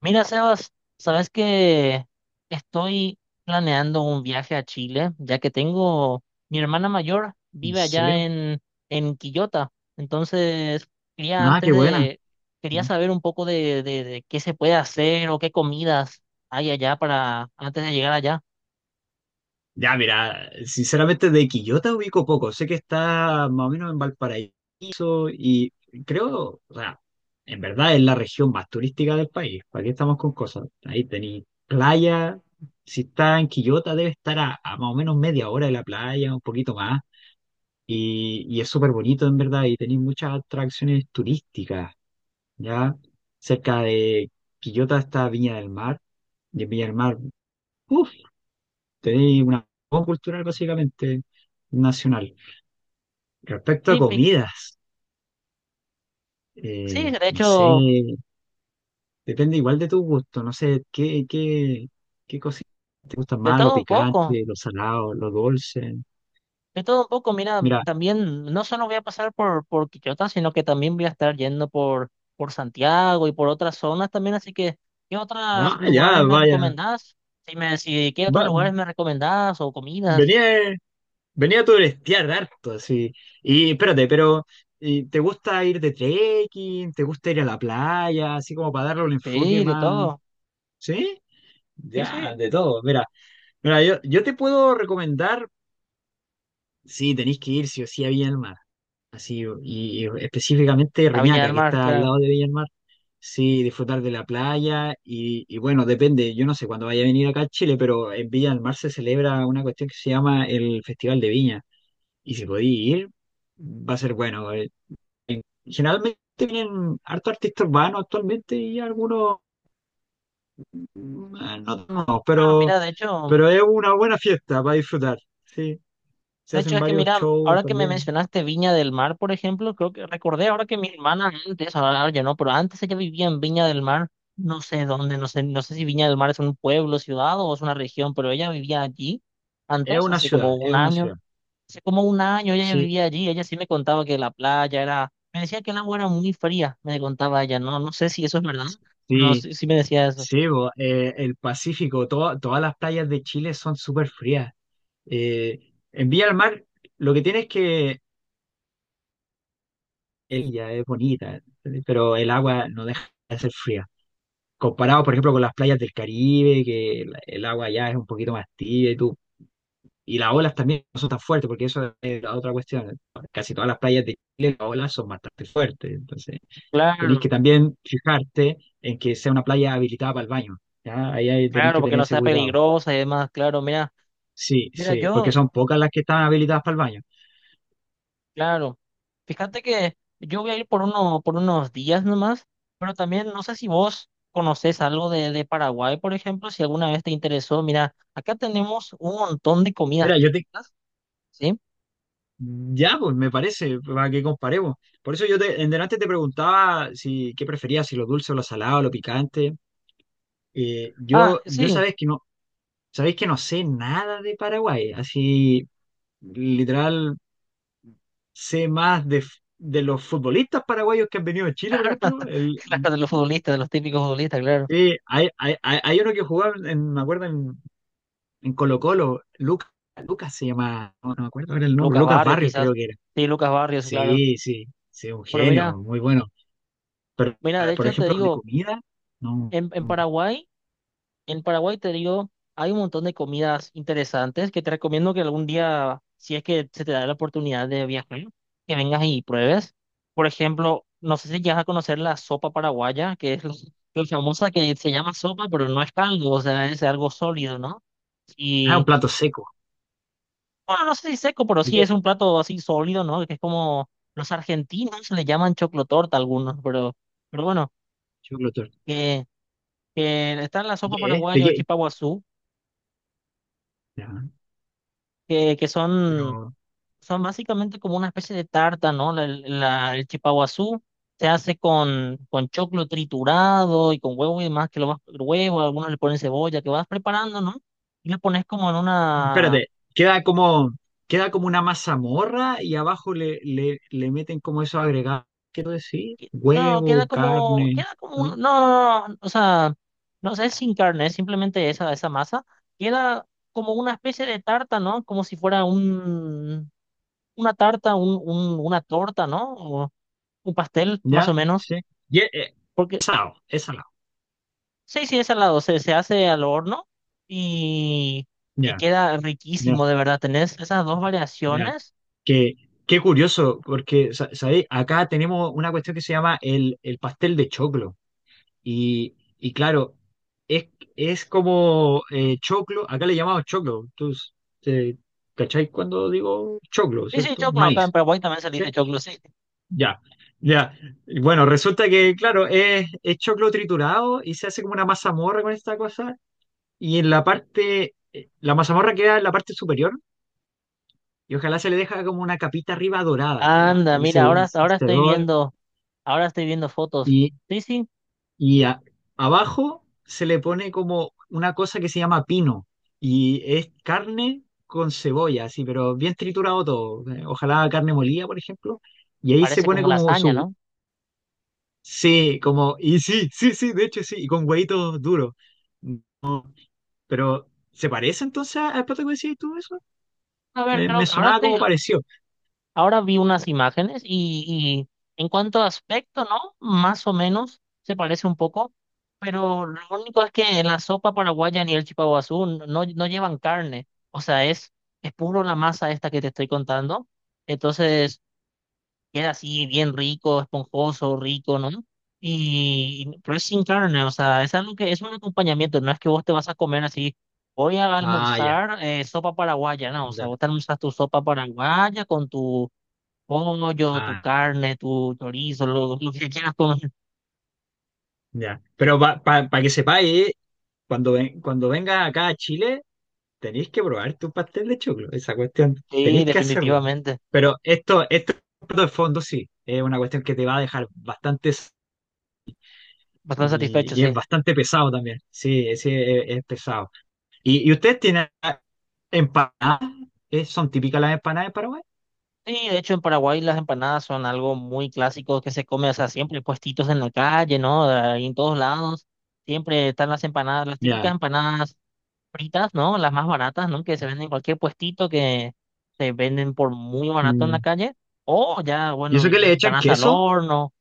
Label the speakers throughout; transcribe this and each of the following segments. Speaker 1: Mira, Sebas, sabes que estoy planeando un viaje a Chile, ya que tengo mi hermana mayor
Speaker 2: ¿En
Speaker 1: vive allá
Speaker 2: serio?
Speaker 1: en Quillota, entonces quería
Speaker 2: Ah,
Speaker 1: antes
Speaker 2: qué buena.
Speaker 1: de quería saber un poco de qué se puede hacer o qué comidas hay allá para antes de llegar allá.
Speaker 2: Ya, mira, sinceramente de Quillota ubico poco. Sé que está más o menos en Valparaíso y creo, o sea, en verdad es la región más turística del país. ¿Para qué estamos con cosas? Ahí tenéis playa. Si está en Quillota debe estar a más o menos media hora de la playa, un poquito más. Y es súper bonito en verdad y tenéis muchas atracciones turísticas, ¿ya? Cerca de Quillota está Viña del Mar. Y en Viña del Mar, tenéis una voz cultural básicamente nacional. Respecto a
Speaker 1: Sí, pi-
Speaker 2: comidas,
Speaker 1: sí, de
Speaker 2: no sé,
Speaker 1: hecho
Speaker 2: depende igual de tu gusto, no sé, qué cositas te gustan
Speaker 1: de
Speaker 2: más, lo
Speaker 1: todo un poco.
Speaker 2: picante, lo salado, lo dulce.
Speaker 1: De todo un poco, mira,
Speaker 2: Mira,
Speaker 1: también no solo voy a pasar por Quillota, sino que también voy a estar yendo por Santiago y por otras zonas también, así que ¿qué otros
Speaker 2: ah,
Speaker 1: lugares
Speaker 2: ya,
Speaker 1: me
Speaker 2: vaya,
Speaker 1: recomendás? Si me, si, ¿qué otros
Speaker 2: va-
Speaker 1: lugares me recomendás o comidas?
Speaker 2: venía, venía a turistear harto, así. Y espérate, pero ¿y ¿te gusta ir de trekking? ¿Te gusta ir a la playa? Así como para darle un enfoque
Speaker 1: Sí, de
Speaker 2: más,
Speaker 1: todo.
Speaker 2: ¿sí?
Speaker 1: Sí,
Speaker 2: Ya,
Speaker 1: sí.
Speaker 2: de todo, mira. Mira, yo te puedo recomendar, sí, tenéis que ir sí o sí a Viña del Mar, así, y específicamente
Speaker 1: A Viña
Speaker 2: Reñaca,
Speaker 1: del
Speaker 2: que
Speaker 1: Mar,
Speaker 2: está al
Speaker 1: claro.
Speaker 2: lado de Viña del Mar, sí, disfrutar de la playa, y bueno, depende, yo no sé cuándo vaya a venir acá a Chile, pero en Viña del Mar se celebra una cuestión que se llama el Festival de Viña, y si podéis ir, va a ser bueno. Generalmente vienen harto artistas urbanos actualmente y algunos, mm, no, no,
Speaker 1: Claro, mira, de hecho.
Speaker 2: pero es una buena fiesta para disfrutar, sí. Se
Speaker 1: De hecho,
Speaker 2: hacen
Speaker 1: es que
Speaker 2: varios
Speaker 1: mira,
Speaker 2: shows
Speaker 1: ahora que me
Speaker 2: también.
Speaker 1: mencionaste Viña del Mar, por ejemplo, creo que recordé ahora que mi hermana antes, ahora ya no, pero antes ella vivía en Viña del Mar, no sé dónde, no sé, no sé si Viña del Mar es un pueblo, ciudad o es una región, pero ella vivía allí
Speaker 2: Es
Speaker 1: antes,
Speaker 2: una
Speaker 1: hace como
Speaker 2: ciudad,
Speaker 1: un
Speaker 2: es una
Speaker 1: año,
Speaker 2: ciudad.
Speaker 1: hace como un año ella ya
Speaker 2: Sí,
Speaker 1: vivía allí, ella sí me contaba que la playa era, me decía que el agua era muy fría, me contaba ella, no, no sé si eso es verdad, pero
Speaker 2: sí,
Speaker 1: sí, sí me decía eso.
Speaker 2: sí, bo, el Pacífico, todas las playas de Chile son súper frías. Eh, en Villa del Mar, lo que tiene es que el ya es bonita, pero el agua no deja de ser fría. Comparado, por ejemplo, con las playas del Caribe, que el agua ya es un poquito más tibia y tú. Y las olas también no son tan fuertes, porque eso es la otra cuestión. Casi todas las playas de Chile, las olas son bastante fuertes. Entonces, tenéis que
Speaker 1: Claro,
Speaker 2: también fijarte en que sea una playa habilitada para el baño. ¿Ya? Ahí tenéis
Speaker 1: claro,
Speaker 2: que
Speaker 1: porque
Speaker 2: tener
Speaker 1: no
Speaker 2: ese
Speaker 1: sea
Speaker 2: cuidado.
Speaker 1: peligrosa y demás, claro, mira,
Speaker 2: Sí,
Speaker 1: mira,
Speaker 2: sí, porque
Speaker 1: yo...
Speaker 2: son pocas las que están habilitadas para el baño.
Speaker 1: Claro. Fíjate que yo voy a ir por uno, por unos días nomás, pero también no sé si vos conocés algo de Paraguay, por ejemplo, si alguna vez te interesó. Mira, acá tenemos un montón de comidas
Speaker 2: Mira, yo te...
Speaker 1: típicas, ¿sí?
Speaker 2: Ya, pues me parece, para que comparemos. Por eso yo te, en delante te preguntaba si qué preferías, si lo dulce o lo salado, lo picante.
Speaker 1: Ah,
Speaker 2: Yo
Speaker 1: sí,
Speaker 2: sabéis que no sé nada de Paraguay. Así, literal, sé más de, de los futbolistas paraguayos que han venido a Chile, por ejemplo. El,
Speaker 1: claro, de los futbolistas, de los típicos futbolistas, claro.
Speaker 2: sí, hay uno que jugaba, en, me acuerdo, en Colo-Colo, Lucas, Lucas se llamaba, no, no me acuerdo ahora el nombre,
Speaker 1: Lucas
Speaker 2: Lucas
Speaker 1: Barrios,
Speaker 2: Barrios
Speaker 1: quizás.
Speaker 2: creo que era.
Speaker 1: Sí, Lucas Barrios, claro.
Speaker 2: Sí, sí, sí, un
Speaker 1: Pero mira,
Speaker 2: genio, muy bueno. Pero,
Speaker 1: mira, de
Speaker 2: por
Speaker 1: hecho te
Speaker 2: ejemplo, de
Speaker 1: digo,
Speaker 2: comida, no.
Speaker 1: en Paraguay. En Paraguay, te digo, hay un montón de comidas interesantes que te recomiendo que algún día, si es que se te da la oportunidad de viajar, que vengas y pruebes. Por ejemplo, no sé si llegas a conocer la sopa paraguaya, que es lo famosa que se llama sopa, pero no es caldo, o sea, es algo sólido, ¿no?
Speaker 2: Ah, un
Speaker 1: Y,
Speaker 2: plato seco.
Speaker 1: bueno, no sé si seco, pero
Speaker 2: ¿De
Speaker 1: sí es
Speaker 2: qué?
Speaker 1: un plato así sólido, ¿no? Que es como los argentinos le llaman choclotorta a algunos, pero bueno,
Speaker 2: Choclo torta.
Speaker 1: que, que está la
Speaker 2: ¿De
Speaker 1: sopa
Speaker 2: qué? ¿Eh? ¿De
Speaker 1: paraguaya o el
Speaker 2: qué?
Speaker 1: chipaguazú,
Speaker 2: Ya,
Speaker 1: que son.
Speaker 2: pero,
Speaker 1: Son básicamente como una especie de tarta, ¿no? El chipaguazú se hace con choclo triturado y con huevo y demás, que lo vas, huevo, algunos le ponen cebolla, que vas preparando, ¿no? Y lo pones como en una...
Speaker 2: espérate, queda como, queda como una mazamorra y abajo le meten como eso agregado, quiero decir,
Speaker 1: No,
Speaker 2: huevo, carne,
Speaker 1: queda como un-
Speaker 2: ¿no?
Speaker 1: no, o sea, no sé, es sin carne, es simplemente esa masa. Queda como una especie de tarta, ¿no? Como si fuera una tarta, una torta, ¿no? O un pastel, más o
Speaker 2: ¿Ya?
Speaker 1: menos.
Speaker 2: Sí. Y, eh,
Speaker 1: Porque
Speaker 2: esa es esa no.
Speaker 1: sí, sí, es salado, se hace al horno y que
Speaker 2: Ya,
Speaker 1: queda
Speaker 2: ya,
Speaker 1: riquísimo, de verdad. Tenés esas dos
Speaker 2: ya.
Speaker 1: variaciones.
Speaker 2: Que, qué curioso, porque, ¿sabéis? Acá tenemos una cuestión que se llama el pastel de choclo. Y claro, es, es como choclo, acá le llamamos choclo. Tú, eh, ¿cacháis cuando digo choclo,
Speaker 1: Sí, sí,
Speaker 2: cierto?
Speaker 1: choclo, acá en
Speaker 2: Maíz,
Speaker 1: Paraguay también se le
Speaker 2: ¿sí?
Speaker 1: dice choclo, sí.
Speaker 2: Ya, ya. Y bueno, resulta que, claro, es choclo triturado y se hace como una mazamorra con esta cosa. Y en la parte, la mazamorra queda en la parte superior y ojalá se le deja como una capita arriba dorada, ¿ya?
Speaker 1: Anda,
Speaker 2: Para que se,
Speaker 1: mira, ahora, hasta
Speaker 2: se dore.
Speaker 1: ahora estoy viendo fotos.
Speaker 2: Y,
Speaker 1: Sí, sí,
Speaker 2: y a- abajo se le pone como una cosa que se llama pino y es carne con cebolla, así, pero bien triturado todo. Ojalá carne molida, por ejemplo. Y ahí se
Speaker 1: parece
Speaker 2: pone
Speaker 1: como
Speaker 2: como
Speaker 1: lasaña,
Speaker 2: su...
Speaker 1: ¿no?
Speaker 2: Sí, como... Y sí, sí, sí, de hecho sí, y con huevitos duros. Pero, ¿se parece entonces al plato que decías tú eso?
Speaker 1: A ver,
Speaker 2: Me,
Speaker 1: creo
Speaker 2: me
Speaker 1: que ahora
Speaker 2: sonaba
Speaker 1: estoy,
Speaker 2: como pareció.
Speaker 1: ahora vi unas imágenes y en cuanto a aspecto, ¿no? Más o menos se parece un poco, pero lo único es que la sopa paraguaya ni el chipaguazú no, no llevan carne, o sea, es puro la masa esta que te estoy contando, entonces queda así bien rico, esponjoso, rico, ¿no? Y, pero es sin carne, o sea, es algo que es un acompañamiento, no es que vos te vas a comer así. Voy a
Speaker 2: Ah, ya,
Speaker 1: almorzar sopa paraguaya, ¿no? O sea,
Speaker 2: ya.
Speaker 1: vos te almorzas tu sopa paraguaya con tu pollo, tu
Speaker 2: Ah,
Speaker 1: carne, tu chorizo, lo que quieras comer.
Speaker 2: ya. Pero para que sepáis, cuando, cuando vengas acá a Chile, tenéis que probar tu pastel de choclo, esa cuestión.
Speaker 1: Sí,
Speaker 2: Tenéis que hacerla.
Speaker 1: definitivamente.
Speaker 2: Pero esto de fondo sí, es una cuestión que te va a dejar bastantes
Speaker 1: Bastante
Speaker 2: y,
Speaker 1: satisfecho,
Speaker 2: y es
Speaker 1: sí.
Speaker 2: bastante pesado también. Sí, sí, es pesado. Y ustedes tienen empanadas? ¿Eh? ¿Son típicas las empanadas de Paraguay?
Speaker 1: Sí, de hecho en Paraguay las empanadas son algo muy clásico que se come, o sea, siempre puestitos en la calle, ¿no? Ahí en todos lados. Siempre están las empanadas, las típicas
Speaker 2: Ya.
Speaker 1: empanadas fritas, ¿no? Las más baratas, ¿no? Que se venden en cualquier puestito que se venden por muy barato en la
Speaker 2: Mm.
Speaker 1: calle. O ya,
Speaker 2: ¿Y eso
Speaker 1: bueno,
Speaker 2: que le
Speaker 1: las
Speaker 2: echan
Speaker 1: empanadas al
Speaker 2: queso?
Speaker 1: horno.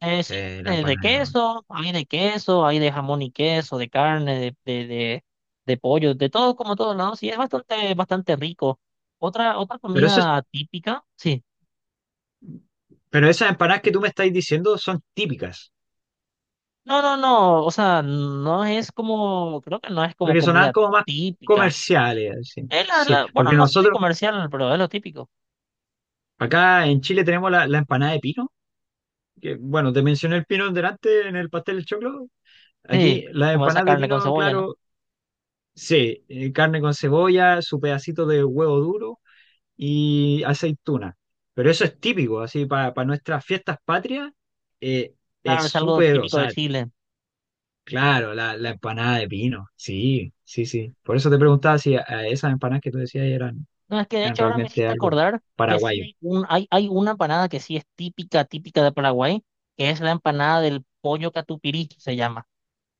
Speaker 1: Sí,
Speaker 2: Sí, la
Speaker 1: de
Speaker 2: empanada.
Speaker 1: queso, hay de queso, hay de jamón y queso, de carne, de pollo, de todo como todos lados, sí, es bastante, bastante rico. Otra, otra
Speaker 2: Pero eso es-
Speaker 1: comida típica, sí.
Speaker 2: pero esas empanadas que tú me estás diciendo son típicas.
Speaker 1: No, o sea, no es como, creo que no es como
Speaker 2: Porque sonaban
Speaker 1: comida
Speaker 2: como más
Speaker 1: típica.
Speaker 2: comerciales, así.
Speaker 1: Es
Speaker 2: Sí,
Speaker 1: bueno,
Speaker 2: porque
Speaker 1: no sé de
Speaker 2: nosotros
Speaker 1: comercial, pero es lo típico.
Speaker 2: acá en Chile tenemos la, la empanada de pino, que bueno, te mencioné el pino delante en el pastel de choclo.
Speaker 1: Sí,
Speaker 2: Aquí las
Speaker 1: como esa
Speaker 2: empanadas de
Speaker 1: carne con
Speaker 2: pino,
Speaker 1: cebolla, ¿no?
Speaker 2: claro, sí, carne con cebolla, su pedacito de huevo duro y aceituna. Pero eso es típico, así, para nuestras fiestas patrias, eh, es
Speaker 1: Claro, es algo
Speaker 2: súper, o
Speaker 1: típico de
Speaker 2: sea,
Speaker 1: Chile.
Speaker 2: claro, la empanada de pino, sí, sí, sí. Por eso te preguntaba si a esas empanadas que tú decías eran
Speaker 1: No, es que de
Speaker 2: eran
Speaker 1: hecho ahora me
Speaker 2: realmente
Speaker 1: hiciste
Speaker 2: algo
Speaker 1: acordar que sí
Speaker 2: paraguayo.
Speaker 1: hay, un, hay una empanada que sí es típica, típica de Paraguay, que es la empanada del pollo catupirí, se llama.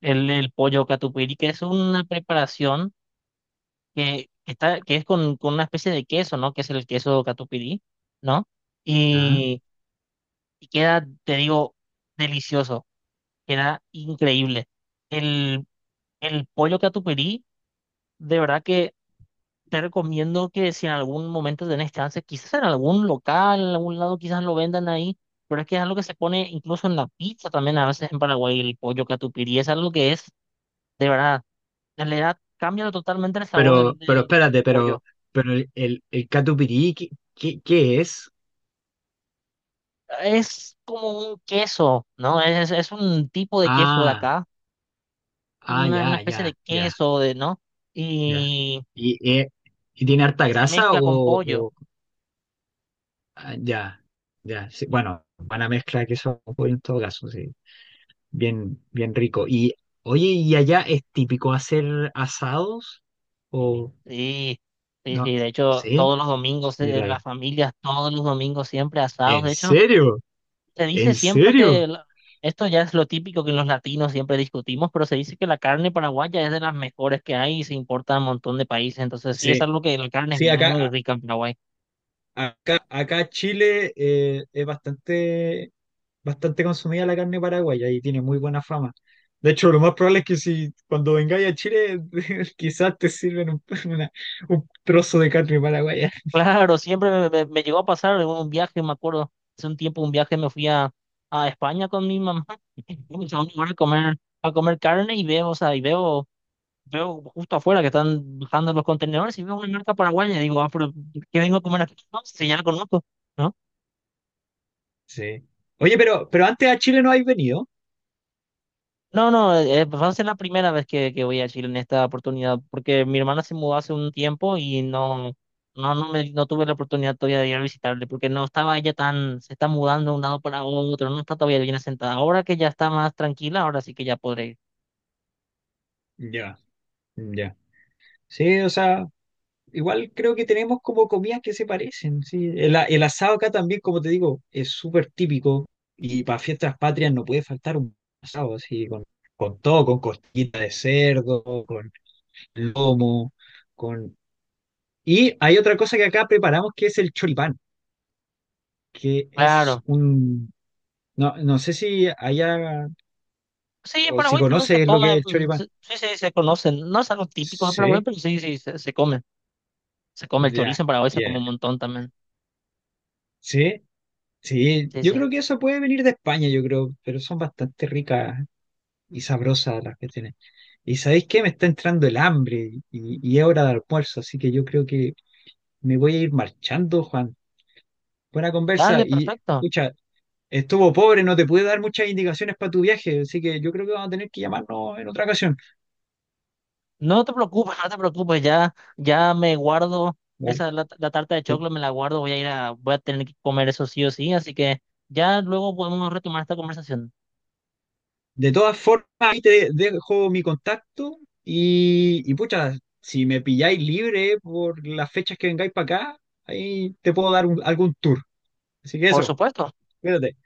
Speaker 1: El pollo catupirí, que es una preparación que está, que es con una especie de queso, ¿no? Que es el queso catupirí, ¿no?
Speaker 2: Ah,
Speaker 1: Y, y queda, te digo, delicioso, queda increíble. El, el pollo catupirí, de verdad. Te recomiendo que si en algún momento tenés chance, quizás en algún local, en algún lado, quizás lo vendan ahí, pero es que es algo que se pone incluso en la pizza también, a veces en Paraguay, el pollo catupiry, es algo que es, de verdad, en realidad cambia totalmente el sabor
Speaker 2: Pero, pero
Speaker 1: del
Speaker 2: espérate,
Speaker 1: pollo.
Speaker 2: pero el catupirí, ¿qué es?
Speaker 1: Es como un queso, ¿no? Es un tipo de queso de
Speaker 2: Ah,
Speaker 1: acá,
Speaker 2: ah,
Speaker 1: una
Speaker 2: ya,
Speaker 1: especie
Speaker 2: ya,
Speaker 1: de
Speaker 2: ya,
Speaker 1: queso, de, ¿no?
Speaker 2: ya.
Speaker 1: Y
Speaker 2: ¿Y, eh, ¿Y tiene harta
Speaker 1: que se
Speaker 2: grasa
Speaker 1: mezcla con
Speaker 2: o,
Speaker 1: pollo.
Speaker 2: ah, ya, ya? Sí, bueno, buena mezcla de queso con pollo en todo caso, sí. Bien, bien rico. Y, oye, ¿y allá es típico hacer asados? ¿O
Speaker 1: Sí, sí,
Speaker 2: no?
Speaker 1: sí, de hecho,
Speaker 2: ¿Sí?
Speaker 1: todos los domingos,
Speaker 2: Sí, la-
Speaker 1: las familias, todos los domingos siempre asados.
Speaker 2: ¿En
Speaker 1: De hecho,
Speaker 2: serio?
Speaker 1: se dice
Speaker 2: ¿En
Speaker 1: siempre
Speaker 2: serio?
Speaker 1: que, esto ya es lo típico que los latinos siempre discutimos, pero se dice que la carne paraguaya es de las mejores que hay y se importa a un montón de países. Entonces, sí, es
Speaker 2: Sí,
Speaker 1: algo que la carne es
Speaker 2: sí,
Speaker 1: muy
Speaker 2: acá.
Speaker 1: rica en Paraguay.
Speaker 2: Acá, acá Chile es bastante, bastante consumida la carne paraguaya y tiene muy buena fama. De hecho, lo más probable es que si cuando vengáis a Chile, quizás te sirven un, un trozo de carne paraguaya.
Speaker 1: Claro, siempre me, me llegó a pasar en un viaje, me acuerdo, hace un tiempo un viaje me fui a España con mi mamá, y fuimos a un lugar a comer carne y veo, o sea, y veo. Veo justo afuera que están bajando los contenedores y veo una marca paraguaya y digo, ah, pero ¿qué vengo a comer aquí? No, si ya la conozco, ¿no?
Speaker 2: Sí. Oye, pero antes a Chile no habéis venido.
Speaker 1: No, no, va a ser la primera vez que voy a Chile en esta oportunidad, porque mi hermana se mudó hace un tiempo y no, no, no me, no tuve la oportunidad todavía de ir a visitarle, porque no estaba ella tan, se está mudando de un lado para otro, no está todavía bien asentada. Ahora que ya está más tranquila, ahora sí que ya podré ir.
Speaker 2: Ya, ya. Sí, o sea. Igual creo que tenemos como comidas que se parecen, ¿sí? El asado acá también, como te digo, es súper típico y para fiestas patrias no puede faltar un asado, así, con todo, con costillita de cerdo, con lomo, con... Y hay otra cosa que acá preparamos que es el choripán, que es
Speaker 1: Claro.
Speaker 2: un... No, no sé si allá
Speaker 1: Sí, en
Speaker 2: o si
Speaker 1: Paraguay también se
Speaker 2: conoces lo que
Speaker 1: come,
Speaker 2: es el choripán.
Speaker 1: sí, sí, se conocen. No es algo típico de Paraguay,
Speaker 2: Sí,
Speaker 1: pero sí, sí, se come. Se come el chorizo en
Speaker 2: ya,
Speaker 1: Paraguay, se
Speaker 2: ya.
Speaker 1: come un montón también.
Speaker 2: Sí, sí.
Speaker 1: Sí,
Speaker 2: Yo creo
Speaker 1: sí.
Speaker 2: que eso puede venir de España, yo creo, pero son bastante ricas y sabrosas las que tienen. ¿Y sabéis qué? Me está entrando el hambre y es hora de almuerzo, así que yo creo que me voy a ir marchando, Juan. Buena conversa
Speaker 1: Dale,
Speaker 2: y
Speaker 1: perfecto.
Speaker 2: escucha, estuvo pobre, no te pude dar muchas indicaciones para tu viaje, así que yo creo que vamos a tener que llamarnos en otra ocasión.
Speaker 1: No te preocupes, no te preocupes. Ya, ya me guardo
Speaker 2: ¿Vale?
Speaker 1: esa la tarta de
Speaker 2: De,
Speaker 1: chocolate, me la guardo. Voy a ir a, voy a tener que comer eso sí o sí. Así que ya luego podemos retomar esta conversación.
Speaker 2: de todas formas, ahí te dejo mi contacto y pucha, si me pilláis libre por las fechas que vengáis para acá, ahí te puedo dar algún tour. Así que
Speaker 1: Por
Speaker 2: eso,
Speaker 1: supuesto.
Speaker 2: cuídate.